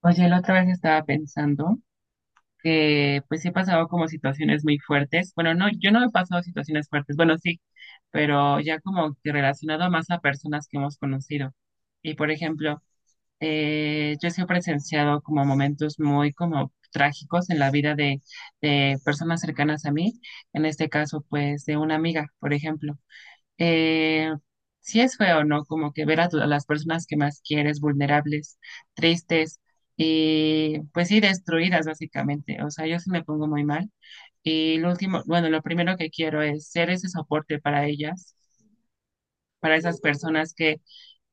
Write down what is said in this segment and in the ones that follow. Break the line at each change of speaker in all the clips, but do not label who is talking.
Oye, la otra vez estaba pensando que pues sí he pasado como situaciones muy fuertes. Bueno, no, yo no he pasado situaciones fuertes, bueno, sí, pero ya como que relacionado más a personas que hemos conocido. Y por ejemplo, yo sí he presenciado como momentos muy como trágicos en la vida de personas cercanas a mí, en este caso pues de una amiga, por ejemplo eh, sí es feo, ¿no? Como que ver a las personas que más quieres vulnerables, tristes y pues sí destruidas básicamente. O sea, yo sí me pongo muy mal. Y lo último, bueno, lo primero que quiero es ser ese soporte para ellas, para esas personas que,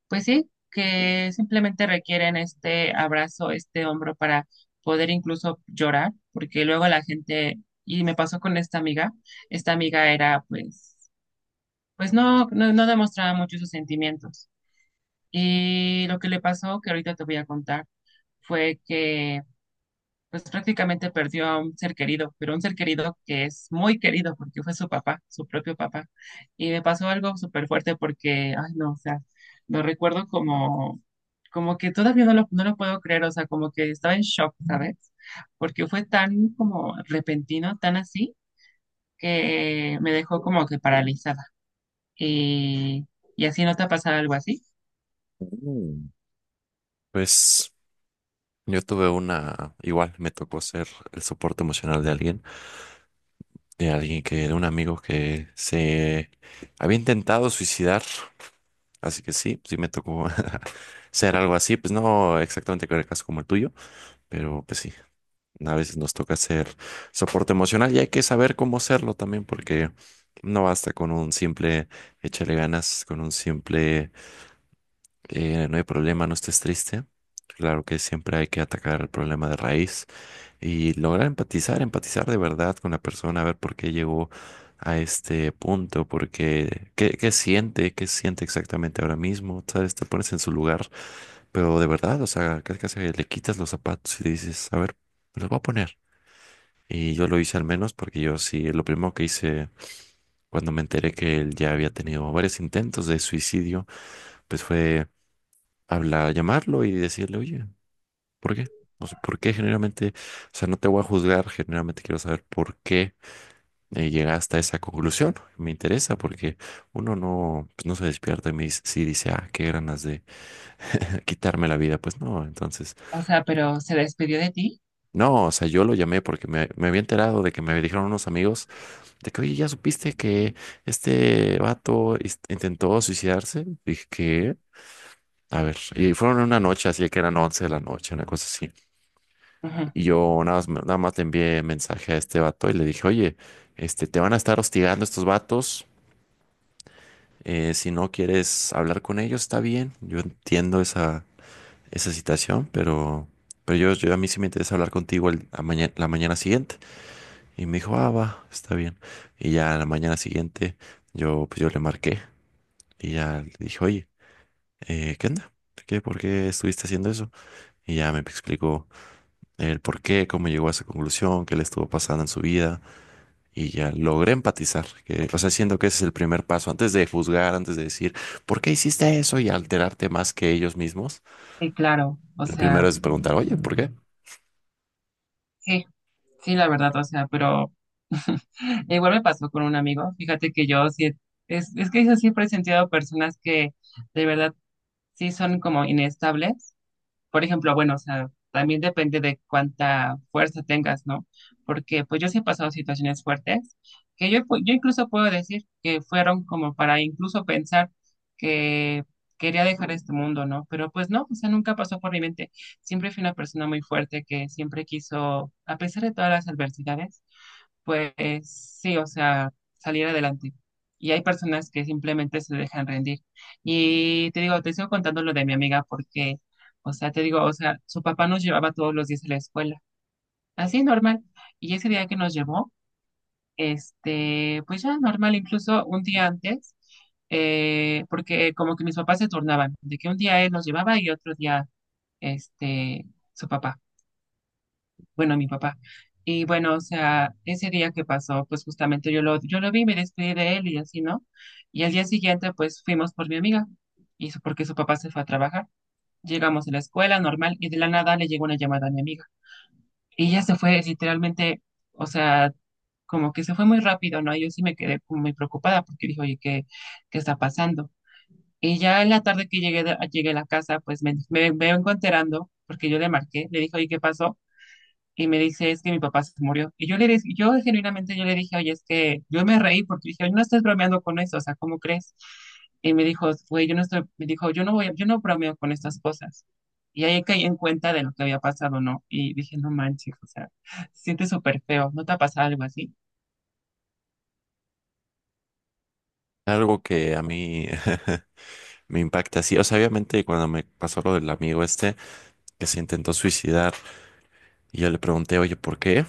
pues sí, que simplemente requieren este abrazo, este hombro para poder incluso llorar, porque luego la gente, y me pasó con esta amiga era pues pues no demostraba mucho sus sentimientos. Y lo que le pasó, que ahorita te voy a contar, fue que pues prácticamente perdió a un ser querido, pero un ser querido que es muy querido porque fue su papá, su propio papá. Y me pasó algo súper fuerte porque, ay no, o sea, lo recuerdo como, como que todavía no lo puedo creer, o sea, como que estaba en shock, ¿sabes? Porque fue tan como repentino, tan así, que me dejó como que paralizada. Y, y así no te ha pasado algo así.
Mm. Pues yo tuve una, igual me tocó ser el soporte emocional de alguien, de un amigo que se había intentado suicidar, así que sí, sí me tocó ser algo así, pues no exactamente con el caso como el tuyo, pero pues sí, a veces nos toca ser soporte emocional y hay que saber cómo serlo también porque no basta con un simple échale ganas, con un simple eh, no hay problema, no estés triste. Claro que siempre hay que atacar el problema de raíz y lograr empatizar, empatizar de verdad con la persona, a ver por qué llegó a este punto, porque qué siente exactamente ahora mismo, ¿sabes? Te pones en su lugar, pero de verdad, o sea, casi casi le quitas los zapatos y le dices, a ver, me los voy a poner. Y yo lo hice al menos porque yo sí, lo primero que hice cuando me enteré que él ya había tenido varios intentos de suicidio, pues fue hablar, llamarlo y decirle, oye, ¿por qué? O sea, ¿por qué generalmente? O sea, no te voy a juzgar, generalmente quiero saber por qué llegaste a esa conclusión. Me interesa porque uno no, pues, no se despierta y me dice, sí, dice, ah, qué ganas de quitarme la vida. Pues no, entonces,
O sea, pero se despidió de ti.
no, o sea, yo lo llamé porque me había enterado de que me dijeron unos amigos de que, oye, ¿ya supiste que este vato intentó suicidarse? Dije, ¿qué? A ver, y fueron en una noche, así que eran 11 de la noche, una cosa así.
Ujú.
Y yo nada más, nada más le envié mensaje a este vato y le dije, oye, este, te van a estar hostigando estos vatos. Eh, si no quieres hablar con ellos, está bien. Yo entiendo esa situación, pero, pero a mí sí me interesa hablar contigo la mañana siguiente. Y me dijo, ah, va, está bien. Y ya la mañana siguiente yo, pues yo le marqué y ya le dije, oye, ¿qué onda? ¿Qué, por qué estuviste haciendo eso? Y ya me explicó el por qué, cómo llegó a esa conclusión, qué le estuvo pasando en su vida. Y ya logré empatizar, que, o sea, siento que ese es el primer paso, antes de juzgar, antes de decir, ¿por qué hiciste eso? Y alterarte más que ellos mismos.
Sí, claro. O
Lo primero
sea,
es preguntar, oye, ¿por qué?
sí, sí, la verdad. O sea, pero igual me pasó con un amigo. Fíjate que yo sí, es que yo siempre he sentido personas que de verdad sí son como inestables. Por ejemplo, bueno, o sea, también depende de cuánta fuerza tengas, ¿no? Porque pues yo sí he pasado situaciones fuertes que yo incluso puedo decir que fueron como para incluso pensar que quería dejar este mundo, ¿no? Pero pues no, o sea, nunca pasó por mi mente. Siempre fui una persona muy fuerte que siempre quiso, a pesar de todas las adversidades, pues sí, o sea, salir adelante. Y hay personas que simplemente se dejan rendir. Y te digo, te sigo contando lo de mi amiga porque o sea, te digo, o sea, su papá nos llevaba todos los días a la escuela, así normal. Y ese día que nos llevó, este, pues ya normal, incluso un día antes, porque como que mis papás se turnaban, de que un día él nos llevaba y otro día, este, su papá, bueno, mi papá. Y bueno, o sea, ese día que pasó, pues justamente yo lo vi, me despedí de él y así, ¿no? Y al día siguiente, pues fuimos por mi amiga, y porque su papá se fue a trabajar. Llegamos a la escuela normal y de la nada le llegó una llamada a mi amiga. Y ella se fue literalmente, o sea, como que se fue muy rápido, ¿no? Yo sí me quedé como muy preocupada porque dije, oye, ¿qué está pasando? Y ya en la tarde que llegué, llegué a la casa, pues me vengo enterando, porque yo le marqué, le dije, oye, ¿qué pasó? Y me dice, es que mi papá se murió. Y yo le dije, yo genuinamente yo le dije, oye, es que yo me reí porque dije, no estás bromeando con eso, o sea, ¿cómo crees? Y me dijo, güey, yo no estoy, me dijo, yo no voy, yo no bromeo con estas cosas. Y ahí caí en cuenta de lo que había pasado, ¿no? Y dije, no manches, o sea, se siente súper feo, ¿no te ha pasado algo así?
Algo que a mí me impacta así. O sea, obviamente cuando me pasó lo del amigo este que se intentó suicidar y yo le pregunté, oye, ¿por qué?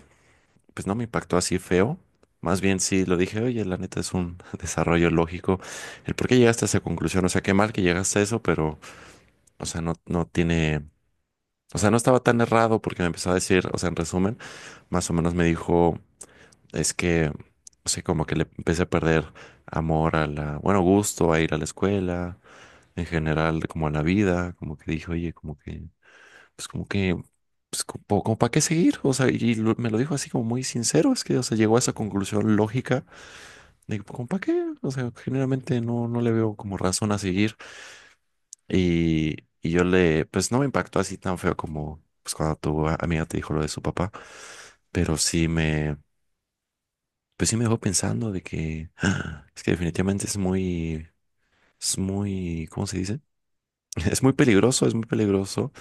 Pues no me impactó así feo. Más bien sí lo dije, oye, la neta es un desarrollo lógico. El por qué llegaste a esa conclusión. O sea, qué mal que llegaste a eso, pero, o sea, no, no tiene. O sea, no estaba tan errado porque me empezó a decir, o sea, en resumen, más o menos me dijo, es que, no sé, como que le empecé a perder amor a la, bueno, gusto a ir a la escuela, en general, como a la vida, como que dije, oye, como que, pues como que, pues como, como para qué seguir, o sea, y me lo dijo así como muy sincero, es que, o sea, llegó a esa conclusión lógica de, como para qué, o sea, generalmente no, no le veo como razón a seguir. Y yo le, pues no me impactó así tan feo como pues cuando tu amiga te dijo lo de su papá, pero sí me, pues sí me dejó pensando de que ah, es que definitivamente es muy, ¿cómo se dice? Es muy peligroso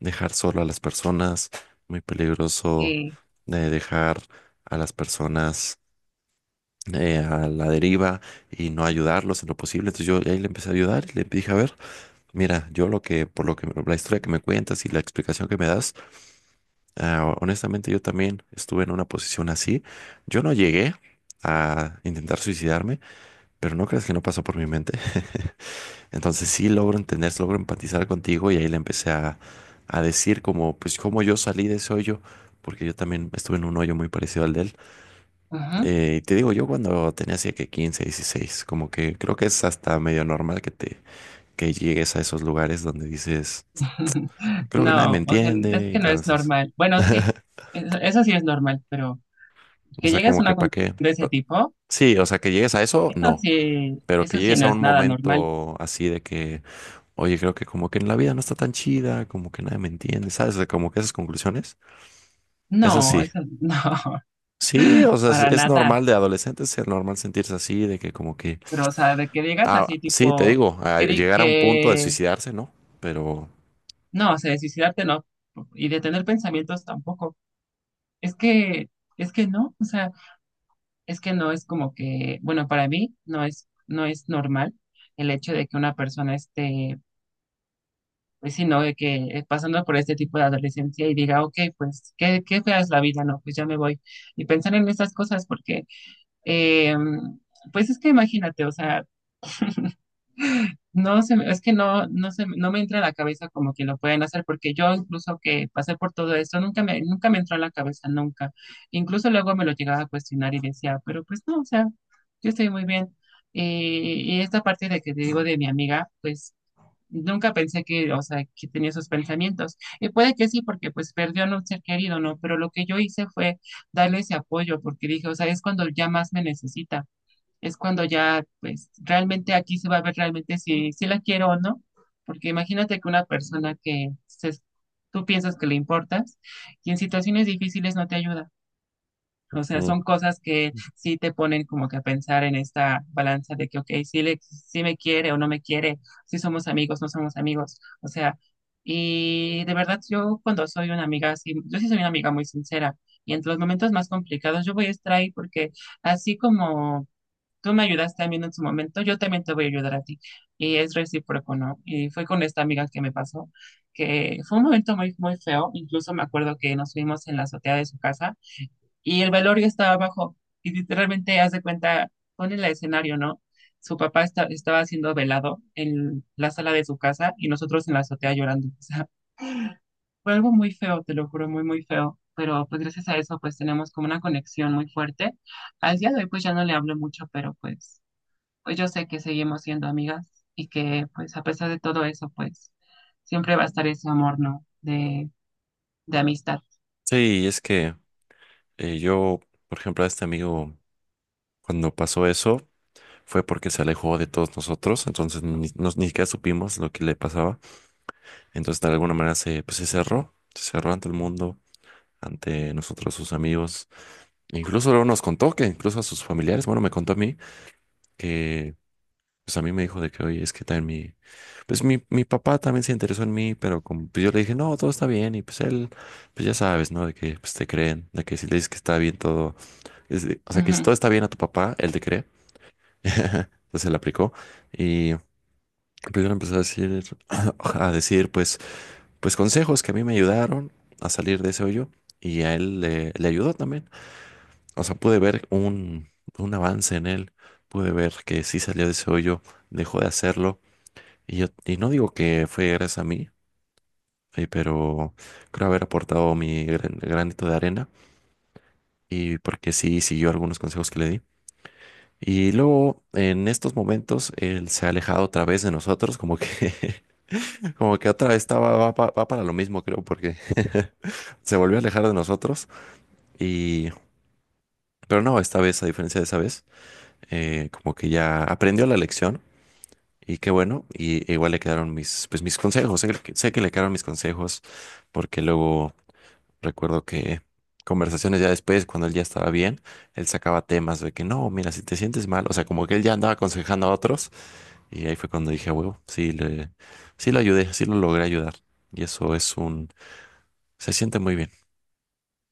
dejar solo a las personas, muy peligroso
Sí.
de dejar a las personas a la deriva y no ayudarlos en lo posible. Entonces yo ahí le empecé a ayudar y le dije, a ver. Mira, yo lo que, por lo que, la historia que me cuentas y la explicación que me das, ah, honestamente yo también estuve en una posición así. Yo no llegué a intentar suicidarme, pero no creas que no pasó por mi mente. Entonces sí logro entender, logro empatizar contigo y ahí le empecé a decir como, pues cómo yo salí de ese hoyo, porque yo también estuve en un hoyo muy parecido al de él.
Ajá.
Y te digo, yo cuando tenía así que 15, 16, como que creo que es hasta medio normal que te, que llegues a esos lugares donde dices creo que nadie
No,
me
o sea, es
entiende, y
que no es
entonces,
normal. Bueno, sí, eso sí es normal, pero
o
que
sea,
llegues a
como que
una
para
conclusión
qué.
de ese
O-.
tipo,
Sí, o sea, que llegues a eso, no, pero que
eso sí
llegues
no
a un
es nada normal.
momento así de que, oye, creo que como que en la vida no está tan chida, como que nadie me entiende, ¿sabes? De como que esas conclusiones, es
No,
así.
eso no,
Sí, o sea,
para
es
nada.
normal de adolescentes, es normal sentirse así, de que como que,
Pero, o sea, de que digas
ah,
así,
sí, te
tipo,
digo, a llegar a un punto de
que
suicidarse, ¿no? Pero,
no, o sea, de suicidarte no, y de tener pensamientos tampoco. Es que, es que no, o sea, es que no es como que, bueno, para mí no es normal el hecho de que una persona esté, pues sí, no, de que pasando por este tipo de adolescencia y diga, ok, pues, qué fea es la vida, no, pues ya me voy. Y pensar en estas cosas porque, eh, pues es que imagínate, o sea, no, es que no me entra en la cabeza como que lo pueden hacer, porque yo incluso que pasé por todo esto, nunca me entró en la cabeza, nunca. Incluso luego me lo llegaba a cuestionar y decía, pero pues no, o sea, yo estoy muy bien. Y esta parte de que te digo de mi amiga, pues nunca pensé que, o sea, que tenía esos pensamientos. Y puede que sí, porque pues perdió a un ser querido, ¿no? Pero lo que yo hice fue darle ese apoyo, porque dije, o sea, es cuando ya más me necesita es cuando ya, pues, realmente aquí se va a ver realmente si la quiero o no. Porque imagínate que una persona que tú piensas que le importas y en situaciones difíciles no te ayuda. O sea,
mm,
son cosas que sí te ponen como que a pensar en esta balanza de que, ok, si me quiere o no me quiere, si somos amigos, no somos amigos. O sea, y de verdad yo cuando soy una amiga así, yo sí soy una amiga muy sincera. Y entre los momentos más complicados yo voy a estar ahí porque así como tú me ayudaste a mí en su momento, yo también te voy a ayudar a ti. Y es recíproco, ¿no? Y fue con esta amiga que me pasó, que fue un momento muy, muy feo. Incluso me acuerdo que nos fuimos en la azotea de su casa y el velorio estaba abajo. Y literalmente, haz de cuenta, pone el escenario, ¿no? Su papá estaba siendo velado en la sala de su casa y nosotros en la azotea llorando. O sea, fue algo muy feo, te lo juro, muy, muy feo. Pero pues gracias a eso, pues tenemos como una conexión muy fuerte. Al día de hoy, pues ya no le hablo mucho, pero pues pues yo sé que seguimos siendo amigas y que pues a pesar de todo eso, pues siempre va a estar ese amor, ¿no? De amistad.
sí, es que yo, por ejemplo, a este amigo, cuando pasó eso, fue porque se alejó de todos nosotros, entonces ni siquiera supimos lo que le pasaba. Entonces, de alguna manera pues, se cerró ante el mundo, ante nosotros, sus amigos. Incluso luego nos contó que incluso a sus familiares, bueno, me contó a mí que, pues a mí me dijo de que, oye, es que también pues mi papá también se interesó en mí, pero como, pues yo le dije, no, todo está bien, y pues él, pues ya sabes, ¿no? De que pues te creen, de que si le dices que está bien todo, es de-. O sea, que si
Ujú.
todo está bien a tu papá, él te cree. Entonces él aplicó y... Primero empezó a decir, a decir, pues, pues consejos que a mí me ayudaron a salir de ese hoyo y a él le ayudó también. O sea, pude ver un avance en él, pude ver que sí salió de ese hoyo, dejó de hacerlo. Y yo, y no digo que fue gracias a mí, pero creo haber aportado mi granito de arena y porque sí siguió algunos consejos que le di. Y luego, en estos momentos, él se ha alejado otra vez de nosotros, como que como que otra vez estaba, va, va para lo mismo, creo, porque se volvió a alejar de nosotros. Y, pero no, esta vez, a diferencia de esa vez, como que ya aprendió la lección y qué bueno. Y igual le quedaron mis, pues, mis consejos. Sé que le quedaron mis consejos porque luego recuerdo que conversaciones ya después, cuando él ya estaba bien, él sacaba temas de que no, mira, si te sientes mal, o sea, como que él ya andaba aconsejando a otros. Y ahí fue cuando dije, a huevo, sí, sí lo ayudé, sí lo logré ayudar. Y eso es un. Se siente muy bien.